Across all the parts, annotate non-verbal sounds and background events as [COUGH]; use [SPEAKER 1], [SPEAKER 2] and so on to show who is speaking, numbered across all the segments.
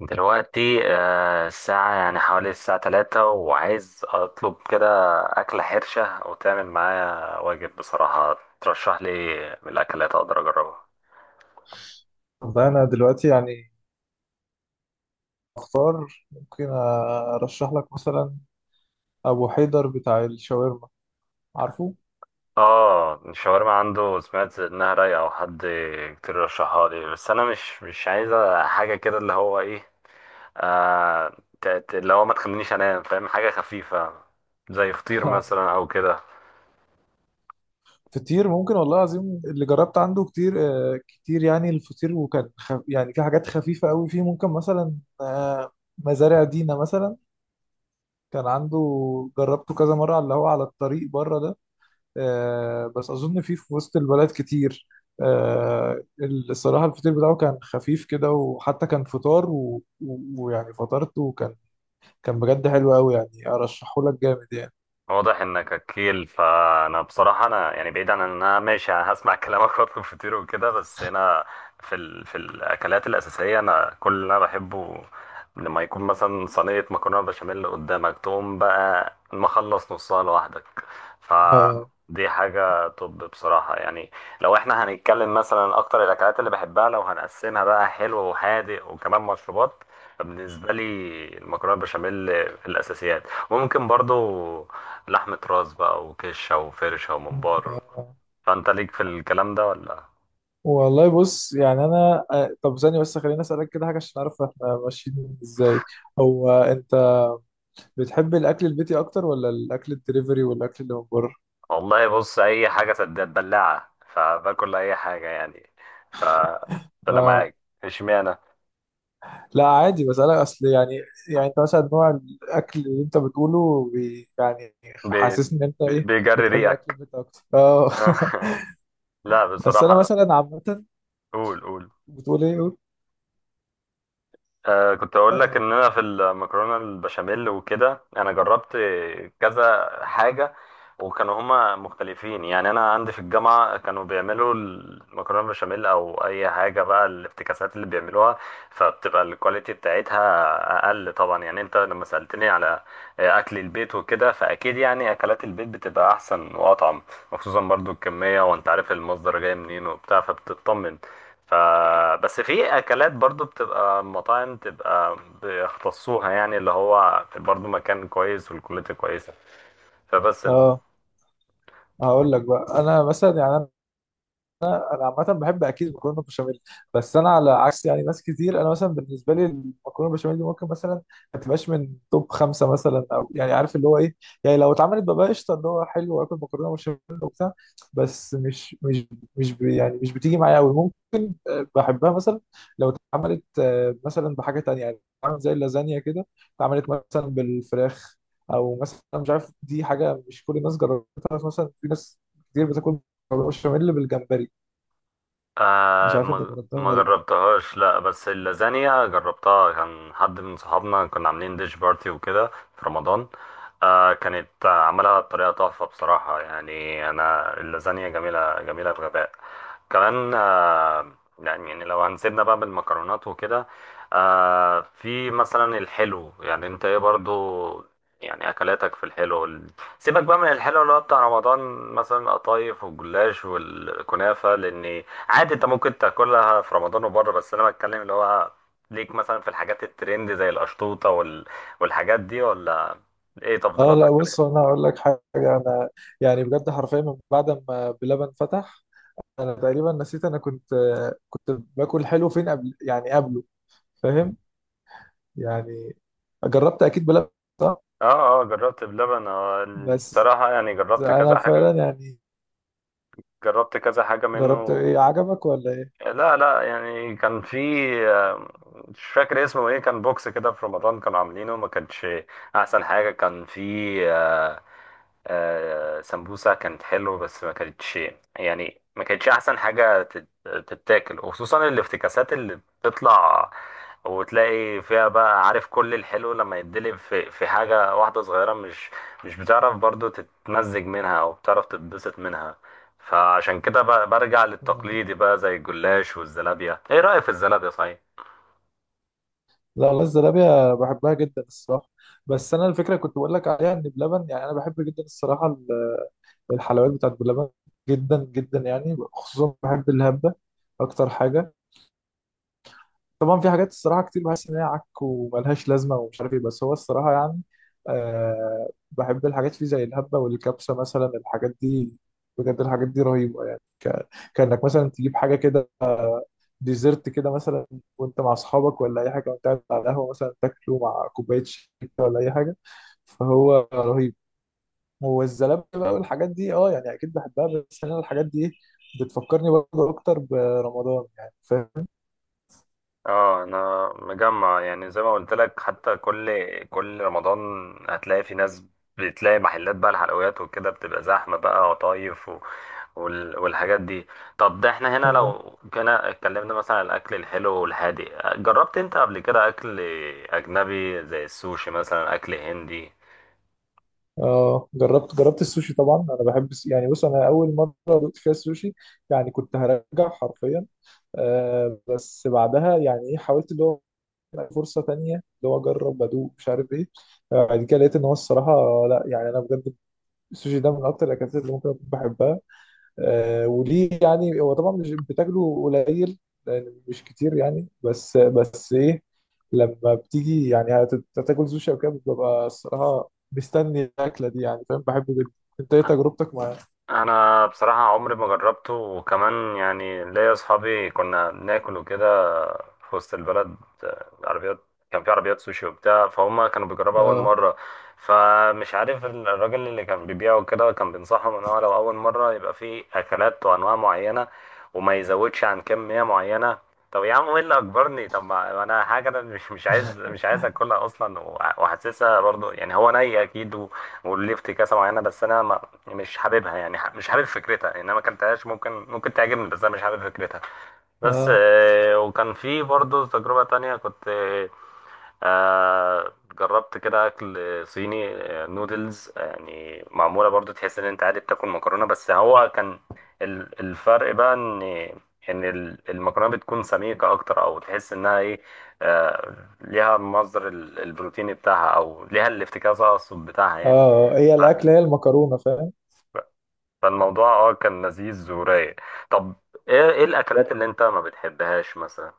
[SPEAKER 1] دلوقتي الساعة يعني حوالي الساعة 3، وعايز أطلب كده أكلة حرشة، أو تعمل معايا واجب؟ بصراحة ترشح لي إيه من الأكلات أقدر أجربها؟
[SPEAKER 2] والله أنا دلوقتي يعني أختار، ممكن أرشح لك مثلا أبو حيدر بتاع الشاورما، عارفه؟
[SPEAKER 1] آه، الشاورما عنده سمعت إنها رايقة، أو حد كتير رشحها لي، بس أنا مش عايزة حاجة كده، اللي هو إيه، اللي هو ما تخلينيش أنام، فاهم؟ حاجة خفيفة زي فطير مثلا
[SPEAKER 2] [LAUGHS]
[SPEAKER 1] أو كده.
[SPEAKER 2] فطير ممكن، والله العظيم اللي جربت عنده كتير. كتير يعني الفطير، وكان خف يعني، في حاجات خفيفة قوي فيه ممكن مثلا. آه، مزارع دينا مثلا، كان عنده، جربته كذا مرة على اللي هو على الطريق بره ده. بس أظن فيه في وسط البلد كتير. آه، الصراحة الفطير بتاعه كان خفيف كده، وحتى كان فطار ويعني فطرته، وكان بجد حلو قوي، يعني ارشحه لك جامد يعني.
[SPEAKER 1] واضح انك اكيل، فانا بصراحه انا يعني بعيد عن ان انا ماشي هسمع [LAUGHS] كلامك واطلب فطير وكده، بس انا في الاكلات الاساسيه، انا كل اللي انا بحبه لما يكون مثلا صينيه مكرونه بشاميل قدامك، تقوم بقى مخلص نصها لوحدك،
[SPEAKER 2] اه.
[SPEAKER 1] فدي حاجه. طب بصراحه يعني، لو احنا هنتكلم مثلا اكتر الاكلات اللي بحبها، لو هنقسمها بقى حلو وحادق وكمان مشروبات، فبالنسبه لي: المكرونه بشاميل في الاساسيات، ممكن برضو لحمة راس بقى وكشة وفرشة وممبار.
[SPEAKER 2] آه.
[SPEAKER 1] فأنت ليك في الكلام ده ولا؟
[SPEAKER 2] والله بص، يعني انا طب ثانية بس، خليني اسالك كده حاجة عشان اعرف احنا ماشيين ازاي. هو انت بتحب الاكل البيتي اكتر، ولا الاكل الدليفري والاكل اللي من بره؟
[SPEAKER 1] والله بص، أي حاجة سداد بلاعة فباكل أي حاجة يعني، ف... فأنا
[SPEAKER 2] آه.
[SPEAKER 1] معاك. اشمعنى؟
[SPEAKER 2] لا، عادي بسالك، اصل يعني انت مثلا نوع الاكل اللي انت بتقوله بي يعني،
[SPEAKER 1] بي...
[SPEAKER 2] حاسسني ان انت ايه،
[SPEAKER 1] بيجري
[SPEAKER 2] بتحب اكل
[SPEAKER 1] ريقك.
[SPEAKER 2] البيت اكتر، اه؟ [LAUGHS]
[SPEAKER 1] [LAUGHS] لا،
[SPEAKER 2] بس انا
[SPEAKER 1] بصراحة.
[SPEAKER 2] مثلا عامة...
[SPEAKER 1] قول قول.
[SPEAKER 2] بتقول ايه، قول؟
[SPEAKER 1] آه، كنت اقول لك
[SPEAKER 2] اه،
[SPEAKER 1] ان انا في المكرونه البشاميل وكده انا جربت كذا حاجه، وكانوا هما مختلفين، يعني انا عندي في الجامعه كانوا بيعملوا المكرونه البشاميل او اي حاجه بقى، الافتكاسات اللي بيعملوها، فبتبقى الكواليتي بتاعتها اقل طبعا. يعني انت لما سالتني على اكل البيت وكده، فاكيد يعني اكلات البيت بتبقى احسن واطعم، وخصوصا برضو الكميه، وانت عارف المصدر جاي منين وبتاع، فبتطمن. ف بس في اكلات برضو بتبقى مطاعم، بتبقى بيختصوها، يعني اللي هو برضو مكان كويس والكواليتي كويسه، فبس.
[SPEAKER 2] آه، هقول لك بقى. انا مثلا يعني انا عامه بحب اكيد مكرونه بشاميل، بس انا على عكس يعني ناس كتير. انا مثلا بالنسبه لي المكرونه بشاميل دي ممكن مثلا ما تبقاش من توب خمسه مثلا، او يعني عارف اللي هو ايه، يعني لو اتعملت ببقى قشطه، اللي هو حلو واكل مكرونه بشاميل وبتاع، بس مش مش مش ب- يعني مش بتيجي معايا قوي. ممكن بحبها مثلا لو اتعملت مثلا بحاجه تانية، يعني اتعملت زي اللازانيا كده، اتعملت مثلا بالفراخ، او مثلا مش عارف، دي حاجه مش كل الناس جربتها. مثلا في ناس كتير بتاكل مكرونه بشاميل بالجمبري. مش
[SPEAKER 1] آه،
[SPEAKER 2] عارف انت
[SPEAKER 1] ما
[SPEAKER 2] جربتها
[SPEAKER 1] ما
[SPEAKER 2] ولا لا.
[SPEAKER 1] جربتهاش، لا، بس اللازانيا جربتها، كان حد من صحابنا كنا عاملين ديش بارتي وكده، في رمضان. آه كانت، عملها بطريقة تحفة بصراحة، يعني أنا اللازانيا جميلة جميلة بغباء كمان. يعني لو هنسيبنا بقى من المكرونات وكده، آه في مثلا الحلو، يعني انت ايه برضو، يعني اكلاتك في الحلو سيبك بقى من الحلو اللي هو بتاع رمضان، مثلا القطايف والجلاش والكنافة، لان عادي انت ممكن تاكلها في رمضان وبره، بس انا بتكلم اللي هو ليك مثلا في الحاجات الترند زي القشطوطه، والحاجات دي ولا؟ ايه
[SPEAKER 2] اه
[SPEAKER 1] تفضيلاتك
[SPEAKER 2] لا،
[SPEAKER 1] في الاكل؟
[SPEAKER 2] بص انا هقول لك حاجه. انا يعني بجد حرفيا من بعد ما بلبن فتح، انا تقريبا نسيت انا كنت كنت باكل حلو فين قبل، يعني قبله، فاهم يعني؟ جربت اكيد بلبن، صح؟
[SPEAKER 1] اه، اه، جربت بلبن، اه.
[SPEAKER 2] بس
[SPEAKER 1] بصراحه يعني جربت
[SPEAKER 2] انا
[SPEAKER 1] كذا
[SPEAKER 2] فعلا
[SPEAKER 1] حاجه،
[SPEAKER 2] يعني،
[SPEAKER 1] جربت كذا حاجه
[SPEAKER 2] جربت
[SPEAKER 1] منه.
[SPEAKER 2] ايه، عجبك ولا ايه؟
[SPEAKER 1] لا، لا، يعني كان في، آه، مش فاكر اسمه ايه، كان بوكس كده في رمضان كانوا عاملينه، ما كانش احسن حاجه. كان في، آه، آه سمبوسة كانت حلوة، بس ما كانتش، يعني ما كانتش أحسن حاجة تتاكل. وخصوصا الافتكاسات اللي بتطلع، وتلاقي فيها بقى، عارف، كل الحلو لما يتدلب في حاجة واحدة صغيرة، مش بتعرف برضو تتمزج منها أو بتعرف تتبسط منها. فعشان كده برجع
[SPEAKER 2] آه.
[SPEAKER 1] للتقليدي بقى زي الجلاش والزلابية. إيه رأيك في الزلابية، صحيح؟
[SPEAKER 2] لا والله الزلابيه بحبها جدا الصراحه. بس انا الفكره كنت بقول لك عليها ان بلبن، يعني انا بحب جدا الصراحه الحلويات بتاعت بلبن، جدا جدا يعني، خصوصا بحب الهبه اكتر حاجه. طبعا في حاجات الصراحه كتير بحس ان هي عك وملهاش لازمه ومش عارف ايه، بس هو الصراحه يعني بحب الحاجات فيه زي الهبه والكبسه، مثلا الحاجات دي بجد الحاجات دي رهيبه، يعني كانك مثلا تجيب حاجه كده ديزرت كده مثلا، وانت مع اصحابك ولا اي حاجه، وانت قاعد على القهوه مثلا تاكله مع كوبايه شاي كده ولا اي حاجه، فهو رهيب. والزلابيه بقى والحاجات دي، اه يعني اكيد بحبها، بس انا الحاجات دي بتفكرني برضه اكتر برمضان، يعني فاهم؟
[SPEAKER 1] اه، انا مجمع يعني زي ما قلت لك، حتى كل رمضان هتلاقي في ناس، بتلاقي محلات بقى الحلويات وكده، بتبقى زحمة بقى، وطايف، والحاجات دي. طب ده احنا هنا
[SPEAKER 2] آه.
[SPEAKER 1] لو كنا اتكلمنا مثلا عن الاكل الحلو والهادي، جربت انت قبل كده اكل اجنبي زي السوشي مثلا، اكل هندي؟
[SPEAKER 2] اه، جربت، السوشي طبعا. انا بحب يعني بص، انا اول مره دقت فيها السوشي يعني كنت هرجع حرفيا. بس بعدها، يعني ايه، حاولت اللي هو فرصه تانية، اللي هو اجرب ادوق، مش عارف ايه. بعد كده لقيت ان هو الصراحه، لا يعني انا بجد السوشي ده من اكتر الاكلات اللي ممكن أكون بحبها. وليه؟ يعني هو طبعا مش بتاكله قليل، لان مش كتير يعني، بس ايه، لما بتيجي يعني هتاكل سوشي او كده، ببقى الصراحه مستني الاكله دي، يعني فاهم، بحبه جدا. انت ايه تجربتك معاه؟
[SPEAKER 1] انا بصراحة عمري ما جربته، وكمان يعني ليا اصحابي، كنا بناكل وكده في وسط البلد، عربيات، كان في عربيات سوشي وبتاع، فهم كانوا بيجربوا أول
[SPEAKER 2] اه،
[SPEAKER 1] مرة، فمش عارف الراجل اللي كان بيبيعه كده، كان بينصحهم إن هو لو أول مرة يبقى في أكلات وأنواع معينة، وما يزودش عن كمية معينة. طب يا عم ايه اللي اجبرني؟ طب ما انا حاجه انا مش عايز اكلها اصلا، وحاسسها برضو، يعني هو ني اكيد، وليه افتكاسه معينه، بس انا ما مش حاببها، يعني مش حابب فكرتها، يعني انا ما اكلتهاش، ممكن تعجبني، بس انا مش حابب فكرتها. بس
[SPEAKER 2] اه،
[SPEAKER 1] آه، وكان في برضه تجربة تانية كنت، آه، جربت كده أكل صيني، نودلز يعني، معمولة برضه تحس إن أنت عادي بتاكل مكرونة، بس هو كان الفرق بقى إن المكرونة بتكون سميكة أكتر، أو تحس إنها إيه، آه، ليها مصدر البروتين بتاعها، أو ليها الافتكاس أقصد بتاعها
[SPEAKER 2] اه.
[SPEAKER 1] يعني.
[SPEAKER 2] هي الاكله هي المكرونه، فاهم؟
[SPEAKER 1] فالموضوع كان لذيذ ورايق. طب إيه الأكلات اللي أنت ما بتحبهاش مثلا؟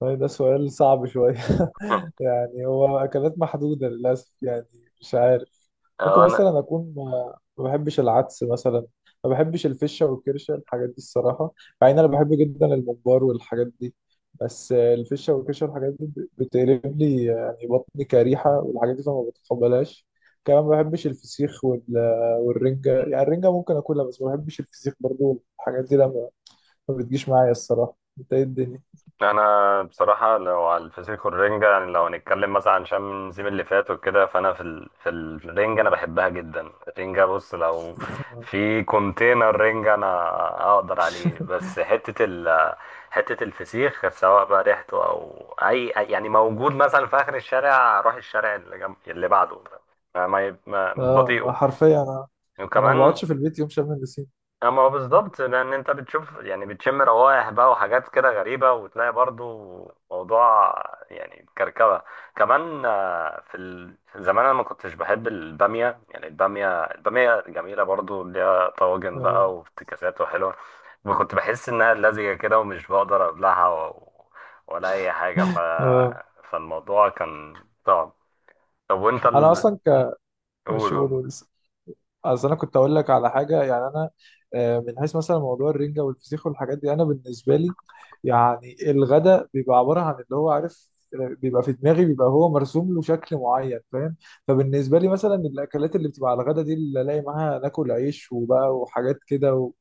[SPEAKER 2] طيب ده سؤال صعب شويه. [LAUGHS]
[SPEAKER 1] [LAUGHS]
[SPEAKER 2] يعني هو اكلات محدوده للاسف يعني، مش عارف. ممكن
[SPEAKER 1] انا
[SPEAKER 2] مثلا اكون ما ما بحبش العدس مثلا، ما بحبش الفشه والكرشه، الحاجات دي الصراحه، مع ان انا بحب جدا الممبار والحاجات دي. بس الفشه والكرشه والحاجات دي بتقلب لي، يعني بطني كريحه، والحاجات دي فما بتقبلهاش. كمان ما بحبش الفسيخ والرنجه، يعني الرنجه ممكن اكلها، بس ما بحبش الفسيخ برضو. الحاجات دي لما ما بتجيش معايا الصراحه، انت ايه الدنيا؟
[SPEAKER 1] انا بصراحه لو على الفسيخ والرنجه، يعني لو هنتكلم مثلا عن شم النسيم اللي فات وكده، فانا في الرنجه انا بحبها جدا. الرنجه بص، لو
[SPEAKER 2] [LAUGHS]
[SPEAKER 1] في كونتينر رنجه انا اقدر عليه، بس حته حته الفسيخ، سواء بقى ريحته او يعني موجود مثلا في اخر الشارع، اروح الشارع اللي جنب اللي بعده، ما ما, ما...
[SPEAKER 2] اه،
[SPEAKER 1] مش بطيئه.
[SPEAKER 2] حرفيا انا، ما
[SPEAKER 1] وكمان،
[SPEAKER 2] بقعدش في البيت يوم شم النسيم.
[SPEAKER 1] اما هو بالظبط، لان انت بتشوف يعني، بتشم روائح بقى وحاجات كده غريبه، وتلاقي برضو موضوع يعني كركبه. كمان آه، في في زمان انا ما كنتش بحب الباميه، يعني الباميه جميله برضو، ليها طواجن بقى
[SPEAKER 2] اه،
[SPEAKER 1] وافتكاسات وحلوه، وكنت بحس انها لزجه كده ومش بقدر ابلعها ولا اي حاجه،
[SPEAKER 2] اه،
[SPEAKER 1] فالموضوع كان صعب. طب وانت
[SPEAKER 2] انا اصلا
[SPEAKER 1] قول
[SPEAKER 2] مش،
[SPEAKER 1] قول.
[SPEAKER 2] قولوا. اصل انا كنت اقول لك على حاجه، يعني انا، من حيث مثلا موضوع الرنجه والفسيخ والحاجات دي، انا بالنسبه لي يعني الغداء بيبقى عباره عن اللي هو عارف، بيبقى في دماغي، بيبقى هو مرسوم له شكل معين، فاهم؟ فبالنسبه لي مثلا الاكلات اللي بتبقى على الغداء دي، اللي الاقي معاها ناكل عيش وبقى وحاجات كده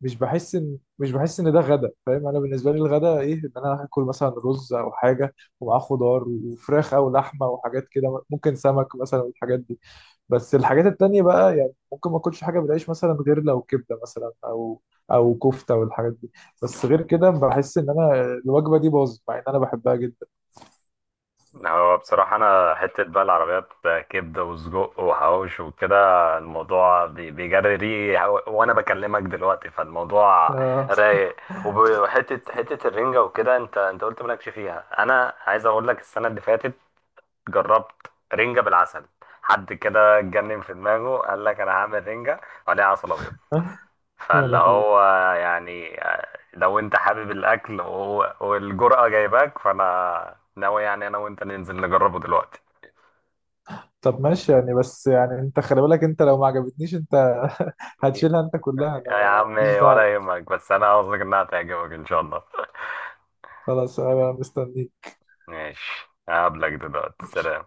[SPEAKER 2] مش بحس ان، ده غدا، فاهم؟ انا بالنسبه لي الغدا ايه، ان انا هاكل مثلا رز او حاجه ومعاه خضار وفراخ او لحمه وحاجات كده، ممكن سمك مثلا، والحاجات دي. بس الحاجات التانية بقى، يعني ممكن ما اكلش حاجة بالعيش مثلا، غير لو كبدة مثلا، او كفتة والحاجات دي. بس غير كده بحس ان انا الوجبة دي باظت، مع ان انا بحبها جدا.
[SPEAKER 1] هو بصراحة أنا حتة بقى العربيات كبدة وسجق وحواوش وكده، الموضوع بيجري ريقي، وأنا بكلمك دلوقتي، فالموضوع
[SPEAKER 2] آه.
[SPEAKER 1] رايق. وحتة الرنجة وكده، أنت قلت مالكش فيها. أنا عايز أقول لك، السنة اللي فاتت جربت رنجة بالعسل، حد كده اتجنن في دماغه قال لك أنا هعمل رنجة عليها عسل أبيض.
[SPEAKER 2] [LAUGHS] يا
[SPEAKER 1] فاللي
[SPEAKER 2] لهوي.
[SPEAKER 1] هو يعني، لو انت حابب الاكل والجرأة جايباك، فانا ناوي يعني انا وانت ننزل نجربه دلوقتي.
[SPEAKER 2] طب ماشي يعني، بس يعني انت خلي بالك انت، لو ما عجبتنيش انت [LAUGHS] هتشيلها انت كلها، انا
[SPEAKER 1] يا عم
[SPEAKER 2] ماليش دعوة.
[SPEAKER 1] ولا يهمك، بس انا قصدك انها تعجبك ان شاء الله. [LAUGHS]
[SPEAKER 2] خلاص، انا مستنيك.
[SPEAKER 1] ماشي، هقابلك دلوقتي، سلام.